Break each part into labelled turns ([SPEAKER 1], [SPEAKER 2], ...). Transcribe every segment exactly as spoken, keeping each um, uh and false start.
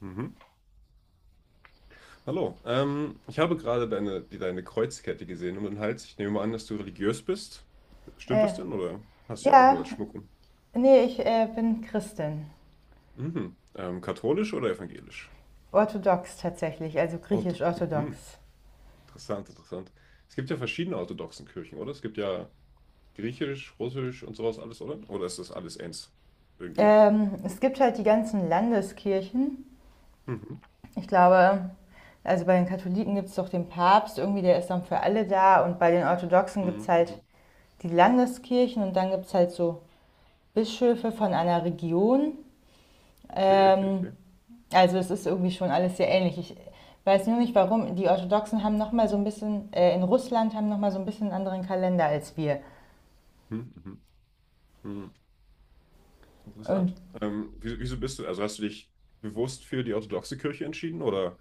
[SPEAKER 1] Mhm. Hallo, ähm, ich habe gerade deine, die, deine Kreuzkette gesehen um den Hals. Ich nehme mal an, dass du religiös bist. Stimmt
[SPEAKER 2] Äh,
[SPEAKER 1] das denn oder hast du die einfach nur
[SPEAKER 2] ja,
[SPEAKER 1] als Schmuck um?
[SPEAKER 2] nee, ich äh, bin Christin.
[SPEAKER 1] Mhm. Ähm, katholisch oder evangelisch?
[SPEAKER 2] Orthodox tatsächlich, also
[SPEAKER 1] Ortho mhm.
[SPEAKER 2] griechisch-orthodox.
[SPEAKER 1] Interessant, interessant. Es gibt ja verschiedene orthodoxen Kirchen, oder? Es gibt ja griechisch, russisch und sowas alles, oder? Oder ist das alles eins? Irgendwie.
[SPEAKER 2] Ähm, es gibt halt die ganzen Landeskirchen.
[SPEAKER 1] Mhm.
[SPEAKER 2] Ich glaube, also bei den Katholiken gibt es doch den Papst, irgendwie der ist dann für alle da. Und bei den Orthodoxen gibt es
[SPEAKER 1] Mhm.
[SPEAKER 2] halt
[SPEAKER 1] Mhm.
[SPEAKER 2] die Landeskirchen und dann gibt es halt so Bischöfe von einer Region.
[SPEAKER 1] Okay, okay,
[SPEAKER 2] Ähm,
[SPEAKER 1] okay.
[SPEAKER 2] also es ist irgendwie schon alles sehr ähnlich. Ich weiß nur nicht, warum. Die Orthodoxen haben nochmal so ein bisschen, äh, in Russland haben nochmal so ein bisschen einen anderen Kalender als wir.
[SPEAKER 1] Mhm. Mhm. Mhm. Interessant.
[SPEAKER 2] Und
[SPEAKER 1] Ähm, wieso, wieso bist du, also hast du dich bewusst für die orthodoxe Kirche entschieden oder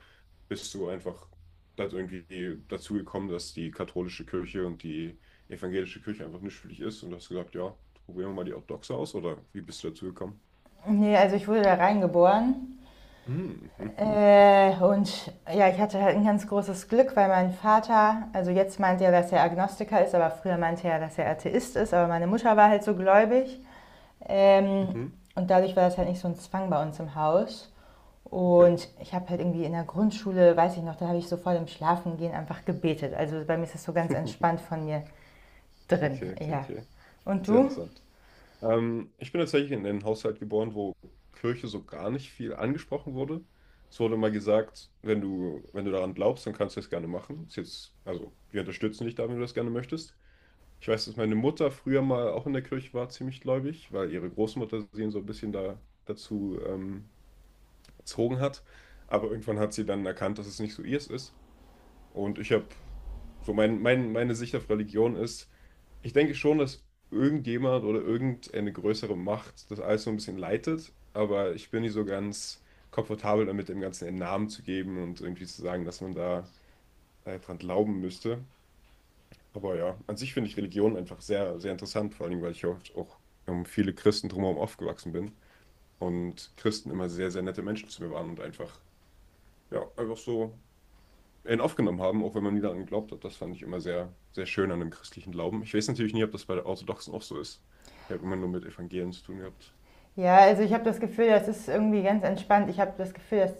[SPEAKER 1] bist du einfach dazu irgendwie dazu gekommen, dass die katholische Kirche und die evangelische Kirche einfach nicht für dich ist und hast gesagt, ja, probieren wir mal die orthodoxe aus oder wie bist du dazu gekommen?
[SPEAKER 2] nee, also ich wurde da reingeboren.
[SPEAKER 1] Hm, mhm.
[SPEAKER 2] Äh, und ja, ich hatte halt ein ganz großes Glück, weil mein Vater, also jetzt meint er, dass er Agnostiker ist, aber früher meinte er, dass er Atheist ist, aber meine Mutter war halt so gläubig. Ähm,
[SPEAKER 1] Mhm.
[SPEAKER 2] und dadurch war das halt nicht so ein Zwang bei uns im Haus.
[SPEAKER 1] Okay.
[SPEAKER 2] Und ich habe halt irgendwie in der Grundschule, weiß ich noch, da habe ich so vor dem Schlafengehen einfach gebetet. Also bei mir ist das so ganz entspannt von mir drin,
[SPEAKER 1] Okay, okay,
[SPEAKER 2] ja.
[SPEAKER 1] okay.
[SPEAKER 2] Und
[SPEAKER 1] Sehr
[SPEAKER 2] du?
[SPEAKER 1] interessant. Ähm, ich bin tatsächlich in einen Haushalt geboren, wo Kirche so gar nicht viel angesprochen wurde. Es wurde mal gesagt, wenn du, wenn du daran glaubst, dann kannst du das gerne machen. Ist jetzt, also wir unterstützen dich da, wenn du das gerne möchtest. Ich weiß, dass meine Mutter früher mal auch in der Kirche war, ziemlich gläubig, weil ihre Großmutter sie so ein bisschen da, dazu ähm, erzogen hat. Aber irgendwann hat sie dann erkannt, dass es nicht so ihrs ist. Und ich habe so mein, mein, meine Sicht auf Religion ist, ich denke schon, dass irgendjemand oder irgendeine größere Macht das alles so ein bisschen leitet, aber ich bin nicht so ganz komfortabel damit, dem Ganzen einen Namen zu geben und irgendwie zu sagen, dass man da äh, dran glauben müsste. Aber ja, an sich finde ich Religion einfach sehr, sehr interessant, vor allem, weil ich oft auch um viele Christen drumherum aufgewachsen bin und Christen immer sehr, sehr nette Menschen zu mir waren und einfach, ja, einfach so in aufgenommen haben, auch wenn man nie daran geglaubt hat. Das fand ich immer sehr, sehr schön an dem christlichen Glauben. Ich weiß natürlich nie, ob das bei der Orthodoxen auch so ist. Ich habe immer nur mit Evangelien zu tun gehabt.
[SPEAKER 2] Ja, also ich habe das Gefühl, das ist irgendwie ganz entspannt. Ich habe das Gefühl, dass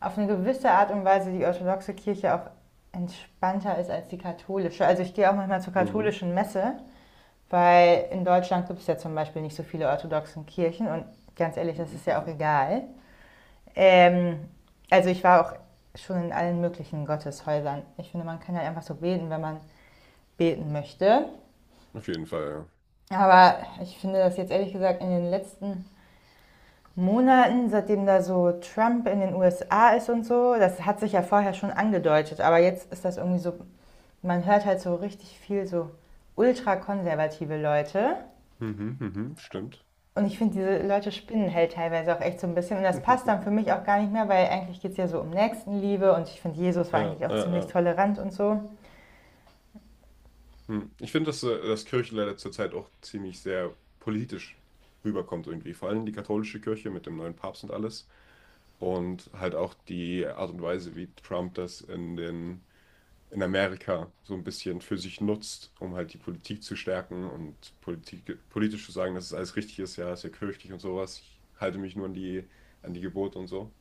[SPEAKER 2] auf eine gewisse Art und Weise die orthodoxe Kirche auch entspannter ist als die katholische. Also ich gehe auch manchmal zur
[SPEAKER 1] Mhm.
[SPEAKER 2] katholischen Messe, weil in Deutschland gibt es ja zum Beispiel nicht so viele orthodoxen Kirchen und ganz ehrlich, das
[SPEAKER 1] Mhm.
[SPEAKER 2] ist ja auch
[SPEAKER 1] Mhm.
[SPEAKER 2] egal. Ähm, also ich war auch schon in allen möglichen Gotteshäusern. Ich finde, man kann halt einfach so beten, wenn man beten möchte.
[SPEAKER 1] Auf jeden Fall, ja.
[SPEAKER 2] Aber ich finde das jetzt ehrlich gesagt in den letzten Monaten, seitdem da so Trump in den U S A ist und so. Das hat sich ja vorher schon angedeutet, aber jetzt ist das irgendwie so, man hört halt so richtig viel so ultrakonservative Leute.
[SPEAKER 1] Mhm, mhm, stimmt.
[SPEAKER 2] Und ich finde, diese Leute spinnen halt teilweise auch echt so ein bisschen. Und das passt dann für mich auch gar nicht mehr, weil eigentlich geht es ja so um Nächstenliebe und ich finde, Jesus war
[SPEAKER 1] Ja,
[SPEAKER 2] eigentlich auch
[SPEAKER 1] ja.
[SPEAKER 2] ziemlich
[SPEAKER 1] äh.
[SPEAKER 2] tolerant und so.
[SPEAKER 1] Hm. Ich finde, dass, äh, dass Kirche leider zurzeit auch ziemlich sehr politisch rüberkommt irgendwie. Vor allem die katholische Kirche mit dem neuen Papst und alles. Und halt auch die Art und Weise, wie Trump das in den in Amerika so ein bisschen für sich nutzt, um halt die Politik zu stärken und Politik, politisch zu sagen, dass es alles richtig ist, ja, ist ja kirchlich und sowas. Ich halte mich nur an die, an die Gebote und so.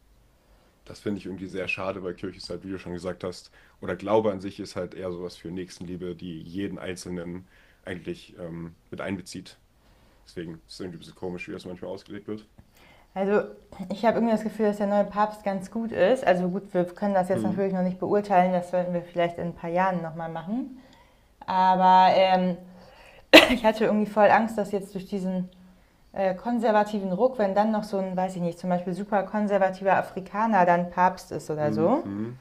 [SPEAKER 1] Das finde ich irgendwie sehr schade, weil Kirche ist halt, wie du schon gesagt hast, oder Glaube an sich ist halt eher sowas für Nächstenliebe, die jeden Einzelnen eigentlich ähm, mit einbezieht. Deswegen ist es irgendwie ein bisschen komisch, wie das manchmal ausgelegt wird.
[SPEAKER 2] Also ich habe irgendwie das Gefühl, dass der neue Papst ganz gut ist. Also gut, wir können das jetzt
[SPEAKER 1] Hm,
[SPEAKER 2] natürlich noch nicht beurteilen, das werden wir vielleicht in ein paar Jahren nochmal machen. Aber ähm, ich hatte irgendwie voll Angst, dass jetzt durch diesen äh, konservativen Ruck, wenn dann noch so ein, weiß ich nicht, zum Beispiel super konservativer Afrikaner dann Papst ist oder
[SPEAKER 1] hm,
[SPEAKER 2] so,
[SPEAKER 1] hm.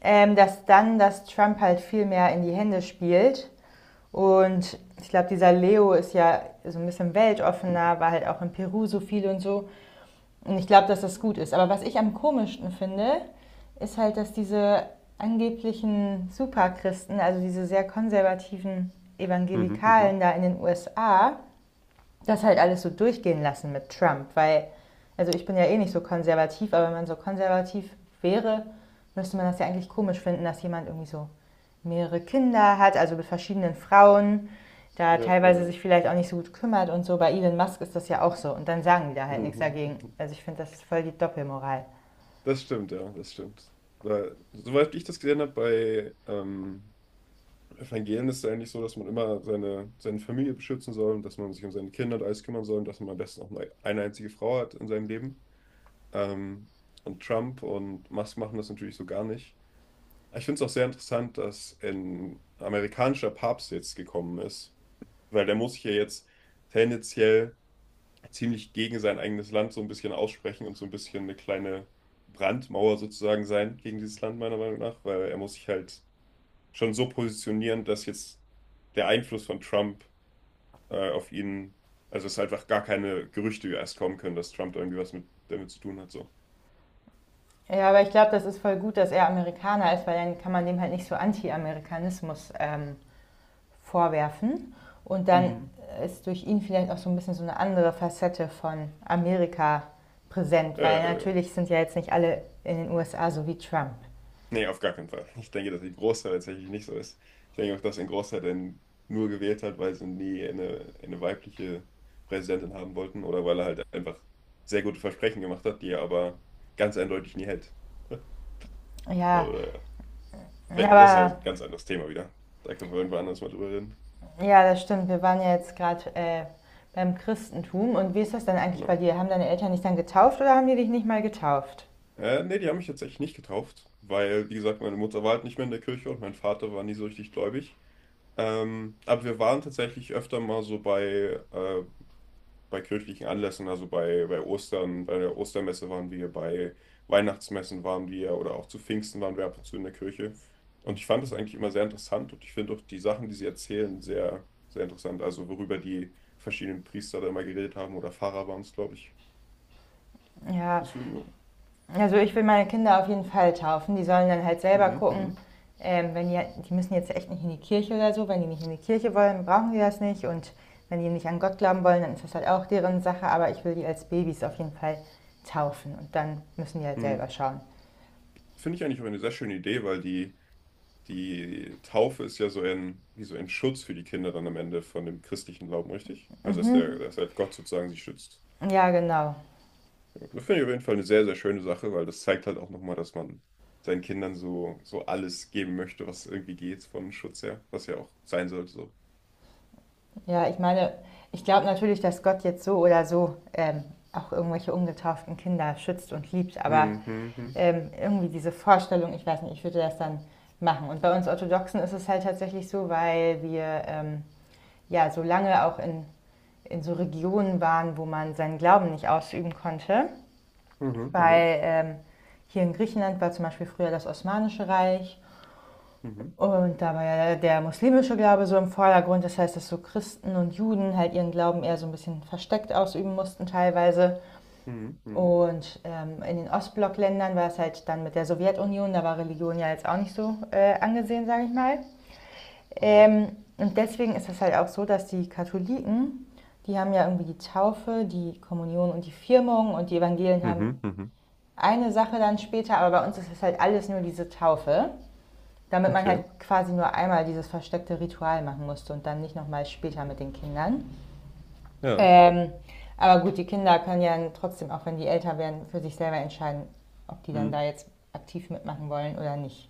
[SPEAKER 2] ähm, dass dann das Trump halt viel mehr in die Hände spielt. Und ich glaube, dieser Leo ist ja so ein bisschen weltoffener, war halt auch in Peru so viel und so. Und ich glaube, dass das gut ist. Aber was ich am komischsten finde, ist halt, dass diese angeblichen Superchristen, also diese sehr konservativen
[SPEAKER 1] Mhm,
[SPEAKER 2] Evangelikalen
[SPEAKER 1] mhm.
[SPEAKER 2] da in den U S A, das halt alles so durchgehen lassen mit Trump, weil, also ich bin ja eh nicht so konservativ, aber wenn man so konservativ wäre, müsste man das ja eigentlich komisch finden, dass jemand irgendwie so mehrere Kinder hat, also mit verschiedenen Frauen, da
[SPEAKER 1] Ja,
[SPEAKER 2] teilweise
[SPEAKER 1] äh,
[SPEAKER 2] sich vielleicht auch nicht so gut kümmert und so. Bei Elon Musk ist das ja auch so und dann sagen die da halt nichts
[SPEAKER 1] mhm.
[SPEAKER 2] dagegen. Also ich finde, das ist voll die Doppelmoral.
[SPEAKER 1] Das stimmt, ja, das stimmt. Weil, soweit ich das gesehen habe, bei ähm, Evangelien ist es eigentlich so, dass man immer seine, seine Familie beschützen soll und dass man sich um seine Kinder und alles kümmern soll und dass man am besten auch nur eine einzige Frau hat in seinem Leben. Ähm, und Trump und Musk machen das natürlich so gar nicht. Ich finde es auch sehr interessant, dass ein amerikanischer Papst jetzt gekommen ist, weil der muss sich ja jetzt tendenziell ziemlich gegen sein eigenes Land so ein bisschen aussprechen und so ein bisschen eine kleine Brandmauer sozusagen sein gegen dieses Land, meiner Meinung nach, weil er muss sich halt schon so positionieren, dass jetzt der Einfluss von Trump äh, auf ihn, also es einfach gar keine Gerüchte erst kommen können, dass Trump irgendwie was mit, damit zu tun hat, so.
[SPEAKER 2] Ja, aber ich glaube, das ist voll gut, dass er Amerikaner ist, weil dann kann man dem halt nicht so Anti-Amerikanismus ähm, vorwerfen. Und dann
[SPEAKER 1] Mhm.
[SPEAKER 2] ist durch ihn vielleicht auch so ein bisschen so eine andere Facette von Amerika präsent,
[SPEAKER 1] Ja,
[SPEAKER 2] weil
[SPEAKER 1] ja, ja.
[SPEAKER 2] natürlich sind ja jetzt nicht alle in den U S A so wie Trump.
[SPEAKER 1] Nee, auf gar keinen Fall. Ich denke, dass die Großteil tatsächlich nicht so ist. Ich denke auch, dass ein Großteil denn nur gewählt hat, weil sie nie eine, eine weibliche Präsidentin haben wollten oder weil er halt einfach sehr gute Versprechen gemacht hat, die er aber ganz eindeutig nie hält.
[SPEAKER 2] Ja,
[SPEAKER 1] Aber ja, das ist ja
[SPEAKER 2] aber
[SPEAKER 1] ein ganz anderes Thema wieder. Da können wir irgendwann anders mal drüber reden.
[SPEAKER 2] ja, das stimmt. Wir waren ja jetzt gerade äh, beim Christentum. Und wie ist das dann eigentlich bei
[SPEAKER 1] Genau.
[SPEAKER 2] dir? Haben deine Eltern dich dann getauft oder haben die dich nicht mal getauft?
[SPEAKER 1] Äh, nee, die haben mich tatsächlich nicht getauft, weil, wie gesagt, meine Mutter war halt nicht mehr in der Kirche und mein Vater war nie so richtig gläubig. Ähm, aber wir waren tatsächlich öfter mal so bei äh, bei kirchlichen Anlässen, also bei, bei Ostern, bei der Ostermesse waren wir, bei Weihnachtsmessen waren wir oder auch zu Pfingsten waren wir ab und zu in der Kirche. Und ich fand das eigentlich immer sehr interessant und ich finde auch die Sachen, die sie erzählen, sehr, sehr interessant. Also worüber die verschiedenen Priester da immer geredet haben oder Pfarrer waren es, glaube ich.
[SPEAKER 2] Ja,
[SPEAKER 1] Deswegen,
[SPEAKER 2] also ich will meine Kinder auf jeden Fall taufen. Die sollen dann halt selber
[SPEAKER 1] mhm,
[SPEAKER 2] gucken,
[SPEAKER 1] mhm,
[SPEAKER 2] ähm, wenn die, die müssen jetzt echt nicht in die Kirche oder so. Wenn die nicht in die Kirche wollen, brauchen die das nicht. Und wenn die nicht an Gott glauben wollen, dann ist das halt auch deren Sache. Aber ich will die als Babys auf jeden Fall taufen. Und dann müssen die halt selber
[SPEAKER 1] mhm.
[SPEAKER 2] schauen.
[SPEAKER 1] Finde ich eigentlich auch eine sehr schöne Idee, weil die, die Taufe ist ja so ein, wie so ein Schutz für die Kinder dann am Ende von dem christlichen Glauben, richtig? Also dass der, dass halt Gott sozusagen sie schützt.
[SPEAKER 2] Ja, genau.
[SPEAKER 1] Das finde ich auf jeden Fall eine sehr, sehr schöne Sache, weil das zeigt halt auch nochmal, dass man seinen Kindern so, so alles geben möchte, was irgendwie geht von Schutz her, was ja auch sein sollte so.
[SPEAKER 2] Ja, ich meine, ich glaube natürlich, dass Gott jetzt so oder so ähm, auch irgendwelche ungetauften Kinder schützt und liebt. Aber
[SPEAKER 1] Mhm, mhm,
[SPEAKER 2] ähm, irgendwie diese Vorstellung, ich weiß nicht, ich würde das dann machen. Und bei uns Orthodoxen ist es halt tatsächlich so, weil wir ähm, ja so lange auch in, in so Regionen waren, wo man seinen Glauben nicht ausüben konnte.
[SPEAKER 1] mhm, mhm, mhm,
[SPEAKER 2] Weil ähm, hier in Griechenland war zum Beispiel früher das Osmanische Reich
[SPEAKER 1] mhm,
[SPEAKER 2] und da war ja der muslimische Glaube so im Vordergrund. Das heißt, dass so Christen und Juden halt ihren Glauben eher so ein bisschen versteckt ausüben mussten teilweise.
[SPEAKER 1] mhm, mhm,
[SPEAKER 2] Und ähm, in den Ostblockländern war es halt dann mit der Sowjetunion, da war Religion ja jetzt auch nicht so äh, angesehen, sage ich mal.
[SPEAKER 1] aha.
[SPEAKER 2] Ähm, und deswegen ist es halt auch so, dass die Katholiken, die haben ja irgendwie die Taufe, die Kommunion und die Firmung und die Evangelien haben
[SPEAKER 1] Mhm, mhm.
[SPEAKER 2] eine Sache dann später, aber bei uns ist es halt alles nur diese Taufe, damit man
[SPEAKER 1] Okay.
[SPEAKER 2] halt quasi nur einmal dieses versteckte Ritual machen musste und dann nicht nochmal später
[SPEAKER 1] Mhm.
[SPEAKER 2] mit den Kindern.
[SPEAKER 1] Ja.
[SPEAKER 2] Ähm, aber gut, die Kinder können ja trotzdem, auch wenn die älter werden, für sich selber entscheiden, ob die dann da
[SPEAKER 1] Mhm.
[SPEAKER 2] jetzt aktiv mitmachen wollen oder nicht.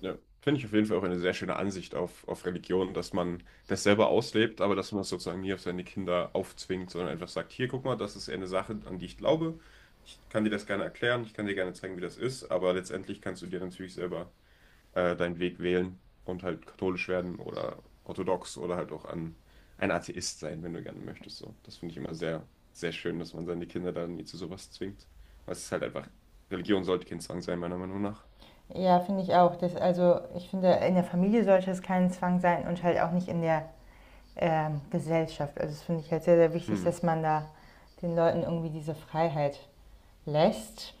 [SPEAKER 1] Ja, finde ich auf jeden Fall auch eine sehr schöne Ansicht auf, auf Religion, dass man das selber auslebt, aber dass man das sozusagen nie auf seine Kinder aufzwingt, sondern einfach sagt, hier, guck mal, das ist eine Sache, an die ich glaube. Ich kann dir das gerne erklären, ich kann dir gerne zeigen, wie das ist, aber letztendlich kannst du dir natürlich selber äh, deinen Weg wählen und halt katholisch werden oder orthodox oder halt auch an, ein Atheist sein, wenn du gerne möchtest. So. Das finde ich immer sehr, sehr schön, dass man seine Kinder da nie zu sowas zwingt. Weil es ist halt einfach, Religion sollte kein Zwang sein, meiner Meinung nach.
[SPEAKER 2] Ja, finde ich auch. Das, also ich finde, in der Familie sollte es kein Zwang sein und halt auch nicht in der ähm, Gesellschaft. Also das finde ich halt sehr, sehr wichtig,
[SPEAKER 1] Hm.
[SPEAKER 2] dass man da den Leuten irgendwie diese Freiheit lässt.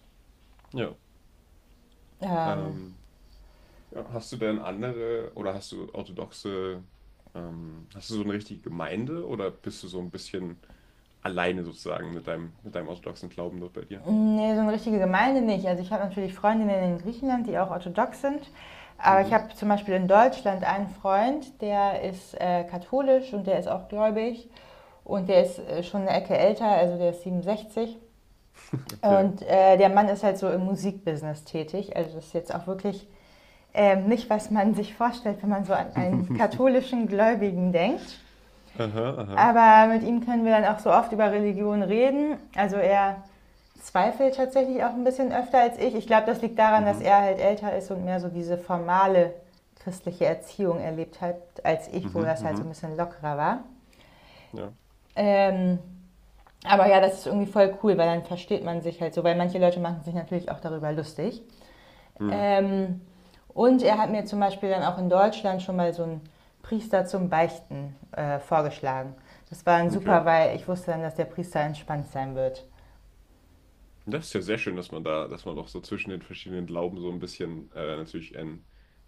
[SPEAKER 1] Ja.
[SPEAKER 2] Ähm,
[SPEAKER 1] Ähm, Ja, hast du denn andere oder hast du orthodoxe, ähm, hast du so eine richtige Gemeinde oder bist du so ein bisschen alleine sozusagen mit deinem, mit deinem orthodoxen Glauben dort bei dir?
[SPEAKER 2] Nee, so eine richtige Gemeinde nicht. Also ich habe natürlich Freundinnen in Griechenland, die auch orthodox sind. Aber ich
[SPEAKER 1] Mhm,
[SPEAKER 2] habe zum Beispiel in Deutschland einen Freund, der ist äh, katholisch und der ist auch gläubig. Und der ist äh, schon eine Ecke älter, also der ist siebenundsechzig.
[SPEAKER 1] okay.
[SPEAKER 2] Und äh, der Mann ist halt so im Musikbusiness tätig. Also das ist jetzt auch wirklich ähm, nicht, was man sich vorstellt, wenn man so an einen katholischen Gläubigen denkt.
[SPEAKER 1] Aha, aha.
[SPEAKER 2] Aber mit ihm können wir dann auch so oft über Religion reden. Also er zweifelt tatsächlich auch ein bisschen öfter als ich. Ich glaube, das liegt daran, dass
[SPEAKER 1] Mhm,
[SPEAKER 2] er halt älter ist und mehr so diese formale christliche Erziehung erlebt hat, als ich, wo
[SPEAKER 1] mhm,
[SPEAKER 2] das halt so ein
[SPEAKER 1] mhm.
[SPEAKER 2] bisschen lockerer war.
[SPEAKER 1] Ja.
[SPEAKER 2] Ähm, aber ja, das ist irgendwie voll cool, weil dann versteht man sich halt so, weil manche Leute machen sich natürlich auch darüber lustig.
[SPEAKER 1] Mhm,
[SPEAKER 2] Ähm, und er hat mir zum Beispiel dann auch in Deutschland schon mal so einen Priester zum Beichten äh, vorgeschlagen. Das war dann
[SPEAKER 1] okay.
[SPEAKER 2] super, weil ich wusste dann, dass der Priester entspannt sein wird.
[SPEAKER 1] Das ist ja sehr schön, dass man da, dass man auch so zwischen den verschiedenen Glauben so ein bisschen äh, natürlich ein,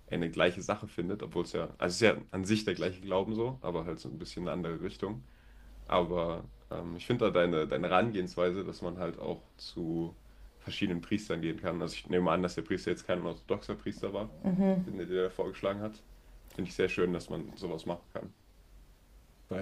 [SPEAKER 1] eine gleiche Sache findet, obwohl es ja, also es ist ja an sich der gleiche Glauben so, aber halt so ein bisschen eine andere Richtung. Aber ähm, ich finde da deine, deine Herangehensweise, dass man halt auch zu verschiedenen Priestern gehen kann. Also ich nehme an, dass der Priester jetzt kein orthodoxer Priester war, den der dir da vorgeschlagen hat. Finde ich sehr schön, dass man sowas machen kann.